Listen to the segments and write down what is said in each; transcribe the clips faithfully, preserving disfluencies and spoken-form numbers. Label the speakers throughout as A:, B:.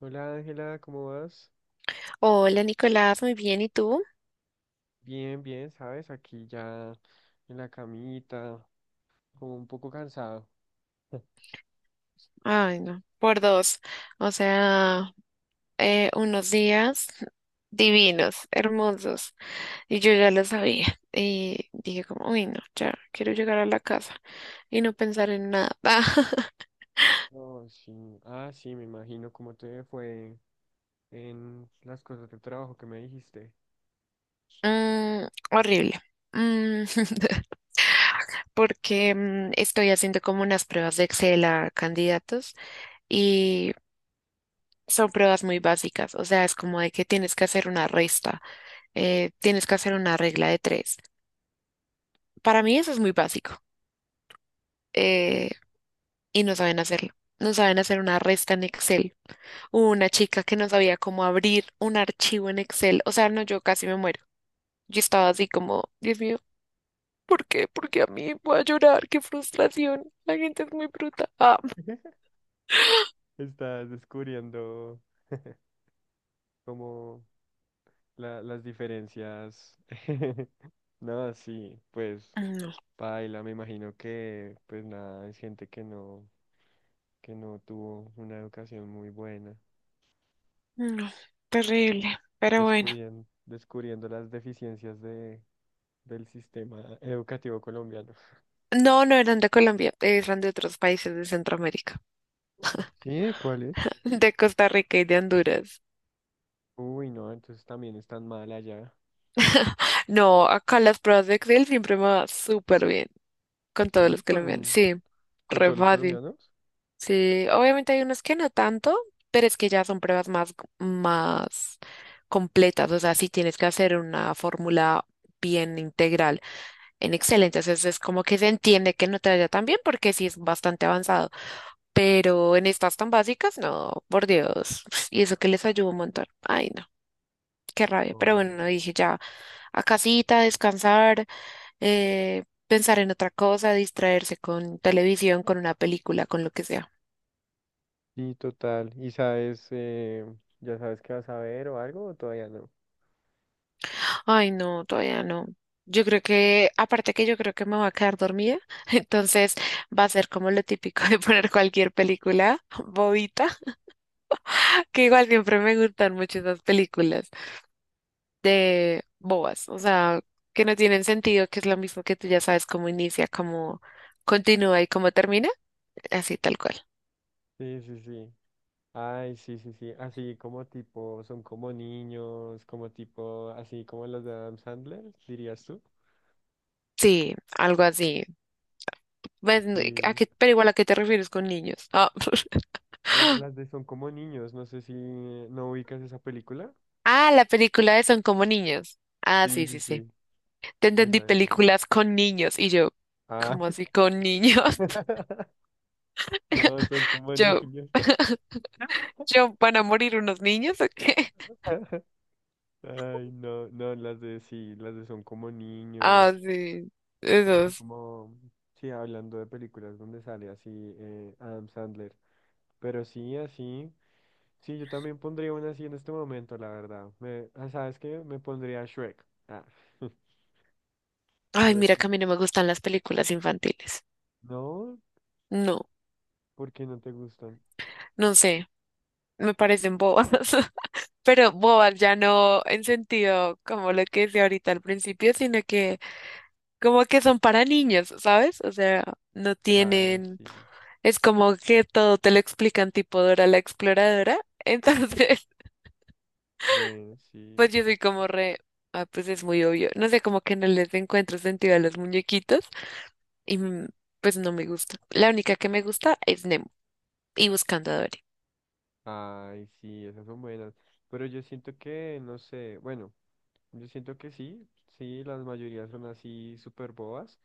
A: Hola Ángela, ¿cómo vas?
B: Hola Nicolás, muy bien, ¿y tú?
A: Bien, bien, ¿sabes? Aquí ya en la camita, como un poco cansado.
B: Ay, no, por dos. O sea, eh, unos días divinos, hermosos. Y yo ya lo sabía. Y dije como, uy, no, ya quiero llegar a la casa y no pensar en nada.
A: Oh, sí. Ah, sí, me imagino cómo te fue en las cosas de trabajo que me dijiste.
B: Mm, horrible. Mm, porque mm, estoy haciendo como unas pruebas de Excel a candidatos y son pruebas muy básicas. O sea, es como de que tienes que hacer una resta, eh, tienes que hacer una regla de tres. Para mí eso es muy básico, eh, y no saben hacerlo. No saben hacer una resta en Excel. Hubo una chica que no sabía cómo abrir un archivo en Excel. O sea, no, yo casi me muero. Yo estaba así como, Dios mío, ¿por qué? ¿Por qué a mí? Voy a llorar, qué frustración. La gente es muy bruta. Ah,
A: Estás descubriendo como la- las diferencias. No, sí, pues
B: no,
A: paila, me imagino que pues nada, es gente que no, que no tuvo una educación muy buena,
B: no, terrible. Pero bueno.
A: descubriendo, descubriendo las deficiencias de del sistema educativo colombiano.
B: No, no eran de Colombia, eran de otros países de Centroamérica,
A: ¿Sí? ¿Cuál es?
B: de Costa Rica y de Honduras.
A: Uy, no, entonces también están mal allá.
B: No, acá las pruebas de Excel siempre me va súper bien. Con todos
A: Sí,
B: los colombianos.
A: con,
B: Sí,
A: con
B: re
A: todos los
B: fácil.
A: colombianos.
B: Sí, obviamente hay unos que no tanto, pero es que ya son pruebas más, más completas. O sea, si tienes que hacer una fórmula bien integral en Excel, entonces es como que se entiende que no te vaya tan bien porque sí es bastante avanzado. Pero en estas tan básicas, no, por Dios. Y eso que les ayuda un montón. Ay, no, qué rabia. Pero
A: Oh.
B: bueno, dije ya a casita, descansar, eh, pensar en otra cosa, distraerse con televisión, con una película, con lo que sea.
A: Sí, total. ¿Y sabes, eh, ya sabes qué vas a ver o algo o todavía no?
B: Ay, no, todavía no. Yo creo que, aparte que yo creo que me voy a quedar dormida, entonces va a ser como lo típico de poner cualquier película bobita, que igual siempre me gustan mucho esas películas de bobas, o sea, que no tienen sentido, que es lo mismo que tú ya sabes cómo inicia, cómo continúa y cómo termina, así tal cual.
A: Sí, sí, sí. Ay, sí, sí, sí. Así como tipo, son como niños, como tipo, así como las de Adam Sandler, dirías tú.
B: Sí, algo así. Pues, no, ¿a
A: Sí.
B: qué-? Pero igual, ¿a qué te refieres con niños? Ah,
A: La- Las de son como niños, no sé si no ubicas esa película.
B: ah, la película de Son como niños. Ah,
A: Sí,
B: sí,
A: sí,
B: sí, sí.
A: sí.
B: Te entendí
A: Esa, esa.
B: películas con niños y yo,
A: Ah.
B: ¿cómo así con niños?
A: No, son como
B: Yo,
A: niños.
B: yo, ¿van a morir unos niños o qué?
A: Ay, no, no, las de sí, las de son como niños,
B: Ah, sí,
A: así
B: esos.
A: como, sí, hablando de películas donde sale así eh, Adam Sandler, pero sí, así, sí, yo también pondría una así en este momento, la verdad, me, ah, ¿sabes qué? Me pondría Shrek, ah,
B: Ay,
A: Shrek,
B: mira que a mí no me gustan las películas infantiles.
A: no,
B: No,
A: ¿por qué no te gustan?
B: no sé, me parecen bobas. Pero bobas ya no en sentido como lo que decía ahorita al principio, sino que como que son para niños, ¿sabes? O sea, no
A: Ah,
B: tienen,
A: sí,
B: es como que todo te lo explican tipo Dora la Exploradora. Entonces,
A: bueno, sí,
B: pues yo soy como re, ah, pues es muy obvio. No sé, como que no les encuentro sentido a los muñequitos y mm, pues no me gusta. La única que me gusta es Nemo y Buscando a Dory.
A: ay, sí, esas son buenas, pero yo siento que, no sé, bueno. Yo siento que sí, sí, las mayorías son así súper bobas,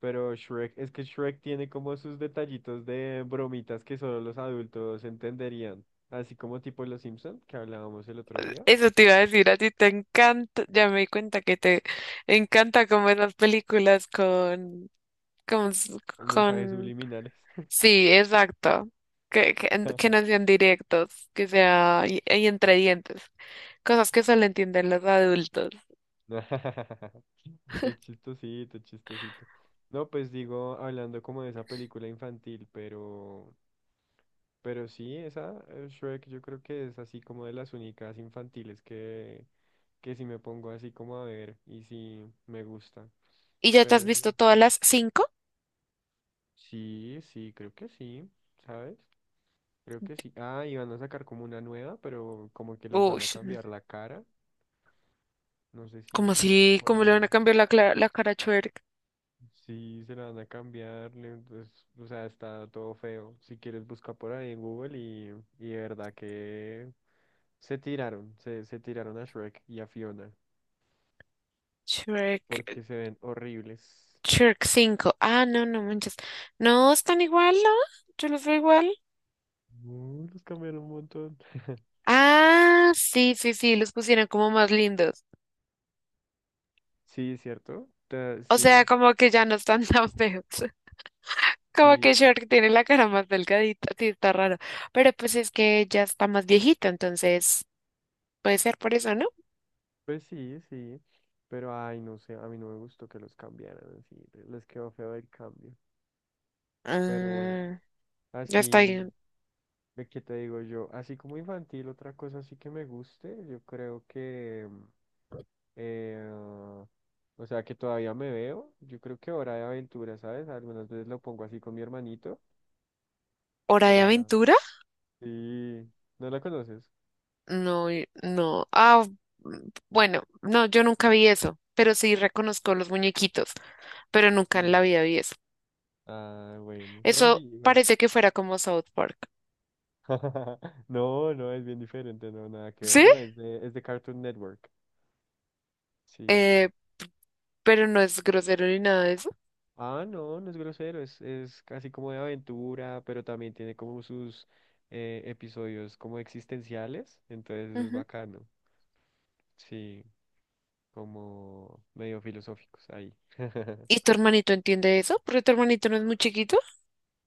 A: pero Shrek, es que Shrek tiene como sus detallitos de bromitas que solo los adultos entenderían, así como tipo Los Simpson, que hablábamos el otro día,
B: Eso te iba a decir, a ti te encanta, ya me di cuenta que te encanta como esas películas con, con, s-
A: los mensajes
B: con
A: subliminales.
B: Sí, exacto. Que, que, que no sean directos, que sea y, y entre dientes. Cosas que solo entienden los adultos.
A: Es chistosito, es chistosito. No, pues digo, hablando como de esa película infantil, pero Pero sí, esa eh, Shrek yo creo que es así como de las únicas infantiles que, que si me pongo así como a ver y si me gusta.
B: ¿Y ya te has
A: Pero sí.
B: visto todas las cinco?
A: Sí, sí, creo que sí, ¿sabes? Creo que sí. Ah, y van a sacar como una nueva, pero como que les van
B: Uy,
A: a cambiar la cara. No sé
B: ¿cómo
A: si viste
B: así?
A: por
B: ¿Cómo le van a
A: ahí.
B: cambiar la, cla- la cara a Shrek?
A: Sí, se la van a cambiar, le- pues, o sea, está todo feo. Si quieres busca por ahí en Google y, y de verdad que se tiraron, se, se tiraron a Shrek y a Fiona
B: Shrek,
A: porque se ven horribles.
B: Shrek cinco. Ah, no, no manches. No, están igual, ¿no? Yo los veo igual.
A: Uh, los cambiaron un montón.
B: Ah, sí, sí, sí, los pusieron como más lindos.
A: Sí, ¿cierto? Ta-
B: O sea,
A: sí,
B: como que ya no están tan feos. Como que
A: sí,
B: Shark tiene la cara más delgadita, sí, está raro. Pero pues es que ya está más viejito, entonces puede ser por eso, ¿no?
A: pues sí, sí. Pero ay, no sé, a mí no me gustó que los cambiaran así. Les quedó feo el cambio. Pero bueno,
B: Mm, ya está
A: así.
B: bien.
A: ¿De qué te digo yo? Así como infantil, otra cosa sí que me guste, yo creo que, mm, eh, o sea, que todavía me veo, yo creo que Hora de Aventura, ¿sabes? Algunas veces lo pongo así con mi hermanito.
B: Hora de
A: Hora de Aventura.
B: Aventura.
A: Sí, ¿no la conoces?
B: No, y- no. Ah, mm, bueno, no, yo nunca vi eso, pero sí reconozco los muñequitos, pero nunca en la
A: Sí.
B: vida vi eso.
A: Ah, bueno, no, sí,
B: Eso
A: igual.
B: parece que fuera como South Park.
A: No, no, es bien diferente, no, nada que ver.
B: ¿Sí?
A: No, es de, es de, Cartoon Network, sí.
B: Eh, pero no es grosero ni nada de eso.
A: Ah, no, no es grosero, es, es casi como de aventura, pero también tiene como sus eh, episodios como existenciales, entonces eso es
B: Ujú.
A: bacano, sí, como medio filosóficos ahí.
B: ¿Y tu hermanito entiende eso? Porque tu hermanito no es muy chiquito.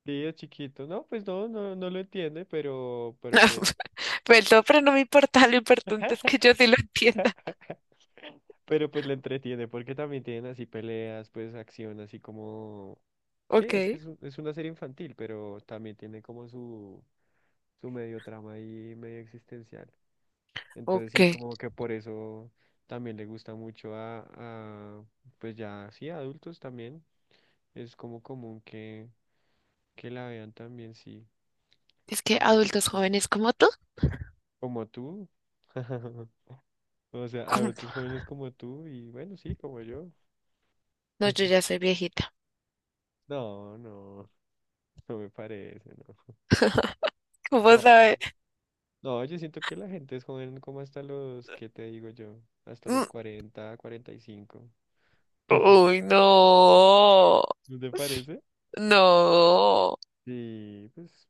A: Sí, es chiquito, no, pues no, no, no lo entiende, pero, pero pues,
B: Perdón, pero no me importa, lo importante es que yo sí lo entienda.
A: pero pues le entretiene, porque también tienen así peleas, pues acción, así como, sí,
B: Ok,
A: es que es, un- es una serie infantil, pero también tiene como su, su medio trama ahí, medio existencial. Entonces
B: ok.
A: sí, como que por eso también le gusta mucho a, a, pues ya, sí, a adultos también. Es como común que, que la vean también, sí.
B: Es que
A: Eso.
B: adultos jóvenes como tú,
A: Como tú. O sea,
B: ¿cómo?
A: adultos jóvenes como tú y bueno, sí, como yo.
B: No, yo ya soy viejita.
A: No, no, no me parece, no.
B: ¿Cómo
A: No,
B: sabes?
A: no, yo siento que la gente es joven como hasta los, ¿qué te digo yo? Hasta los
B: Mm,
A: cuarenta, cuarenta y cinco.
B: uy, no,
A: ¿No te parece?
B: no.
A: Sí, pues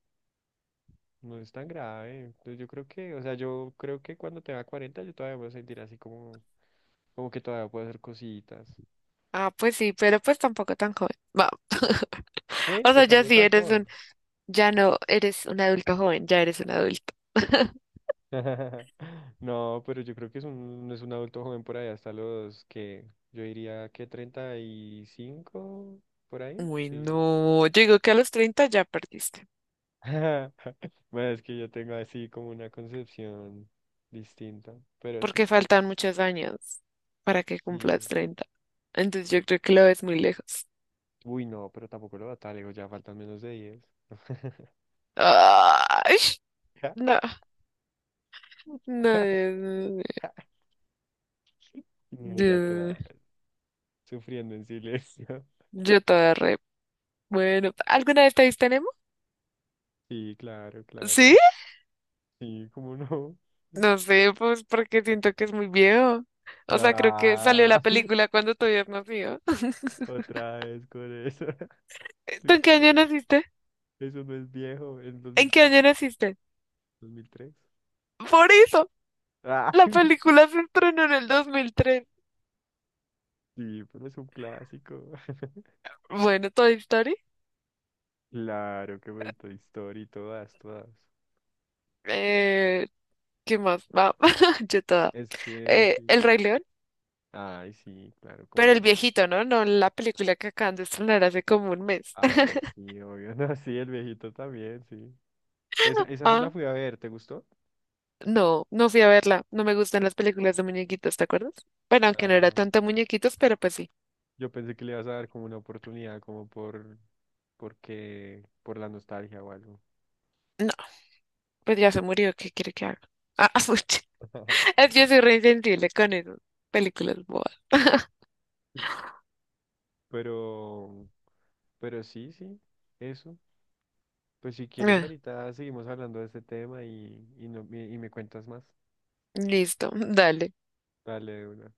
A: no es tan grave. Entonces, yo creo que, o sea, yo creo que cuando tenga cuarenta yo todavía me voy a sentir así como, como que todavía puedo hacer cositas.
B: Ah, pues sí, pero pues tampoco tan joven. Va.
A: Eh,
B: O sea,
A: pues
B: ya
A: tampoco
B: sí
A: tan
B: eres
A: joven.
B: un, ya no eres un adulto joven, ya eres un adulto.
A: No, pero yo creo que es un, no es un adulto joven por ahí hasta los que, yo diría que treinta y cinco por ahí.
B: Uy,
A: Sí.
B: no, yo digo que a los treinta ya perdiste,
A: Bueno, es que yo tengo así como una concepción distinta, pero sí.
B: porque faltan muchos años para que cumplas
A: Y,
B: treinta. Entonces yo creo que lo ves muy lejos.
A: uy, no, pero tampoco lo va tan lejos, ya faltan menos de diez.
B: Ay, no, no, Dios mío.
A: Y ella toda
B: Yo,
A: sufriendo en silencio.
B: yo toda re. Bueno, ¿alguna vez te viste Nemo?
A: Sí, claro,
B: ¿Sí?
A: claro. Sí, cómo no.
B: No sé, pues porque siento que es muy viejo. O sea, creo que salió
A: Ah,
B: la película cuando tú habías nacido.
A: otra vez con eso. ¿Tú
B: ¿Tú en qué año
A: ¿Qué?
B: naciste?
A: Eso no es viejo, es dos dos
B: ¿En
A: mil
B: qué
A: tres
B: año naciste?
A: dos mil tres
B: Por eso,
A: Ah,
B: la película se estrenó en el dos mil tres.
A: sí, pero es un clásico.
B: Bueno, Toy Story.
A: Claro qué me Toy Story, todas, todas.
B: ¿Qué más? Va, yo toda.
A: Es que
B: Eh,
A: sí.
B: El Rey León,
A: Ay, sí, claro,
B: pero
A: cómo
B: el
A: no.
B: viejito, ¿no? No la película que acaban de estrenar hace como un mes.
A: Ah, no, sí, obvio. No, sí, el viejito también, sí. Esa, esa la
B: Ah,
A: fui a ver, ¿te gustó?
B: no, no fui a verla. No me gustan las películas de muñequitos, ¿te acuerdas? Bueno, aunque no era
A: Ah.
B: tanto muñequitos, pero pues sí.
A: Yo pensé que le ibas a dar como una oportunidad, como por, porque, por la nostalgia o algo.
B: No, pues ya se murió, ¿qué quiere que haga? Ah, pucha. Es que yo soy re insensible con esas películas bobas.
A: Pero, pero sí, sí, eso. Pues si quieres,
B: Ah,
A: ahorita seguimos hablando de este tema y, y, no, y y me cuentas más.
B: listo, dale.
A: Dale de una.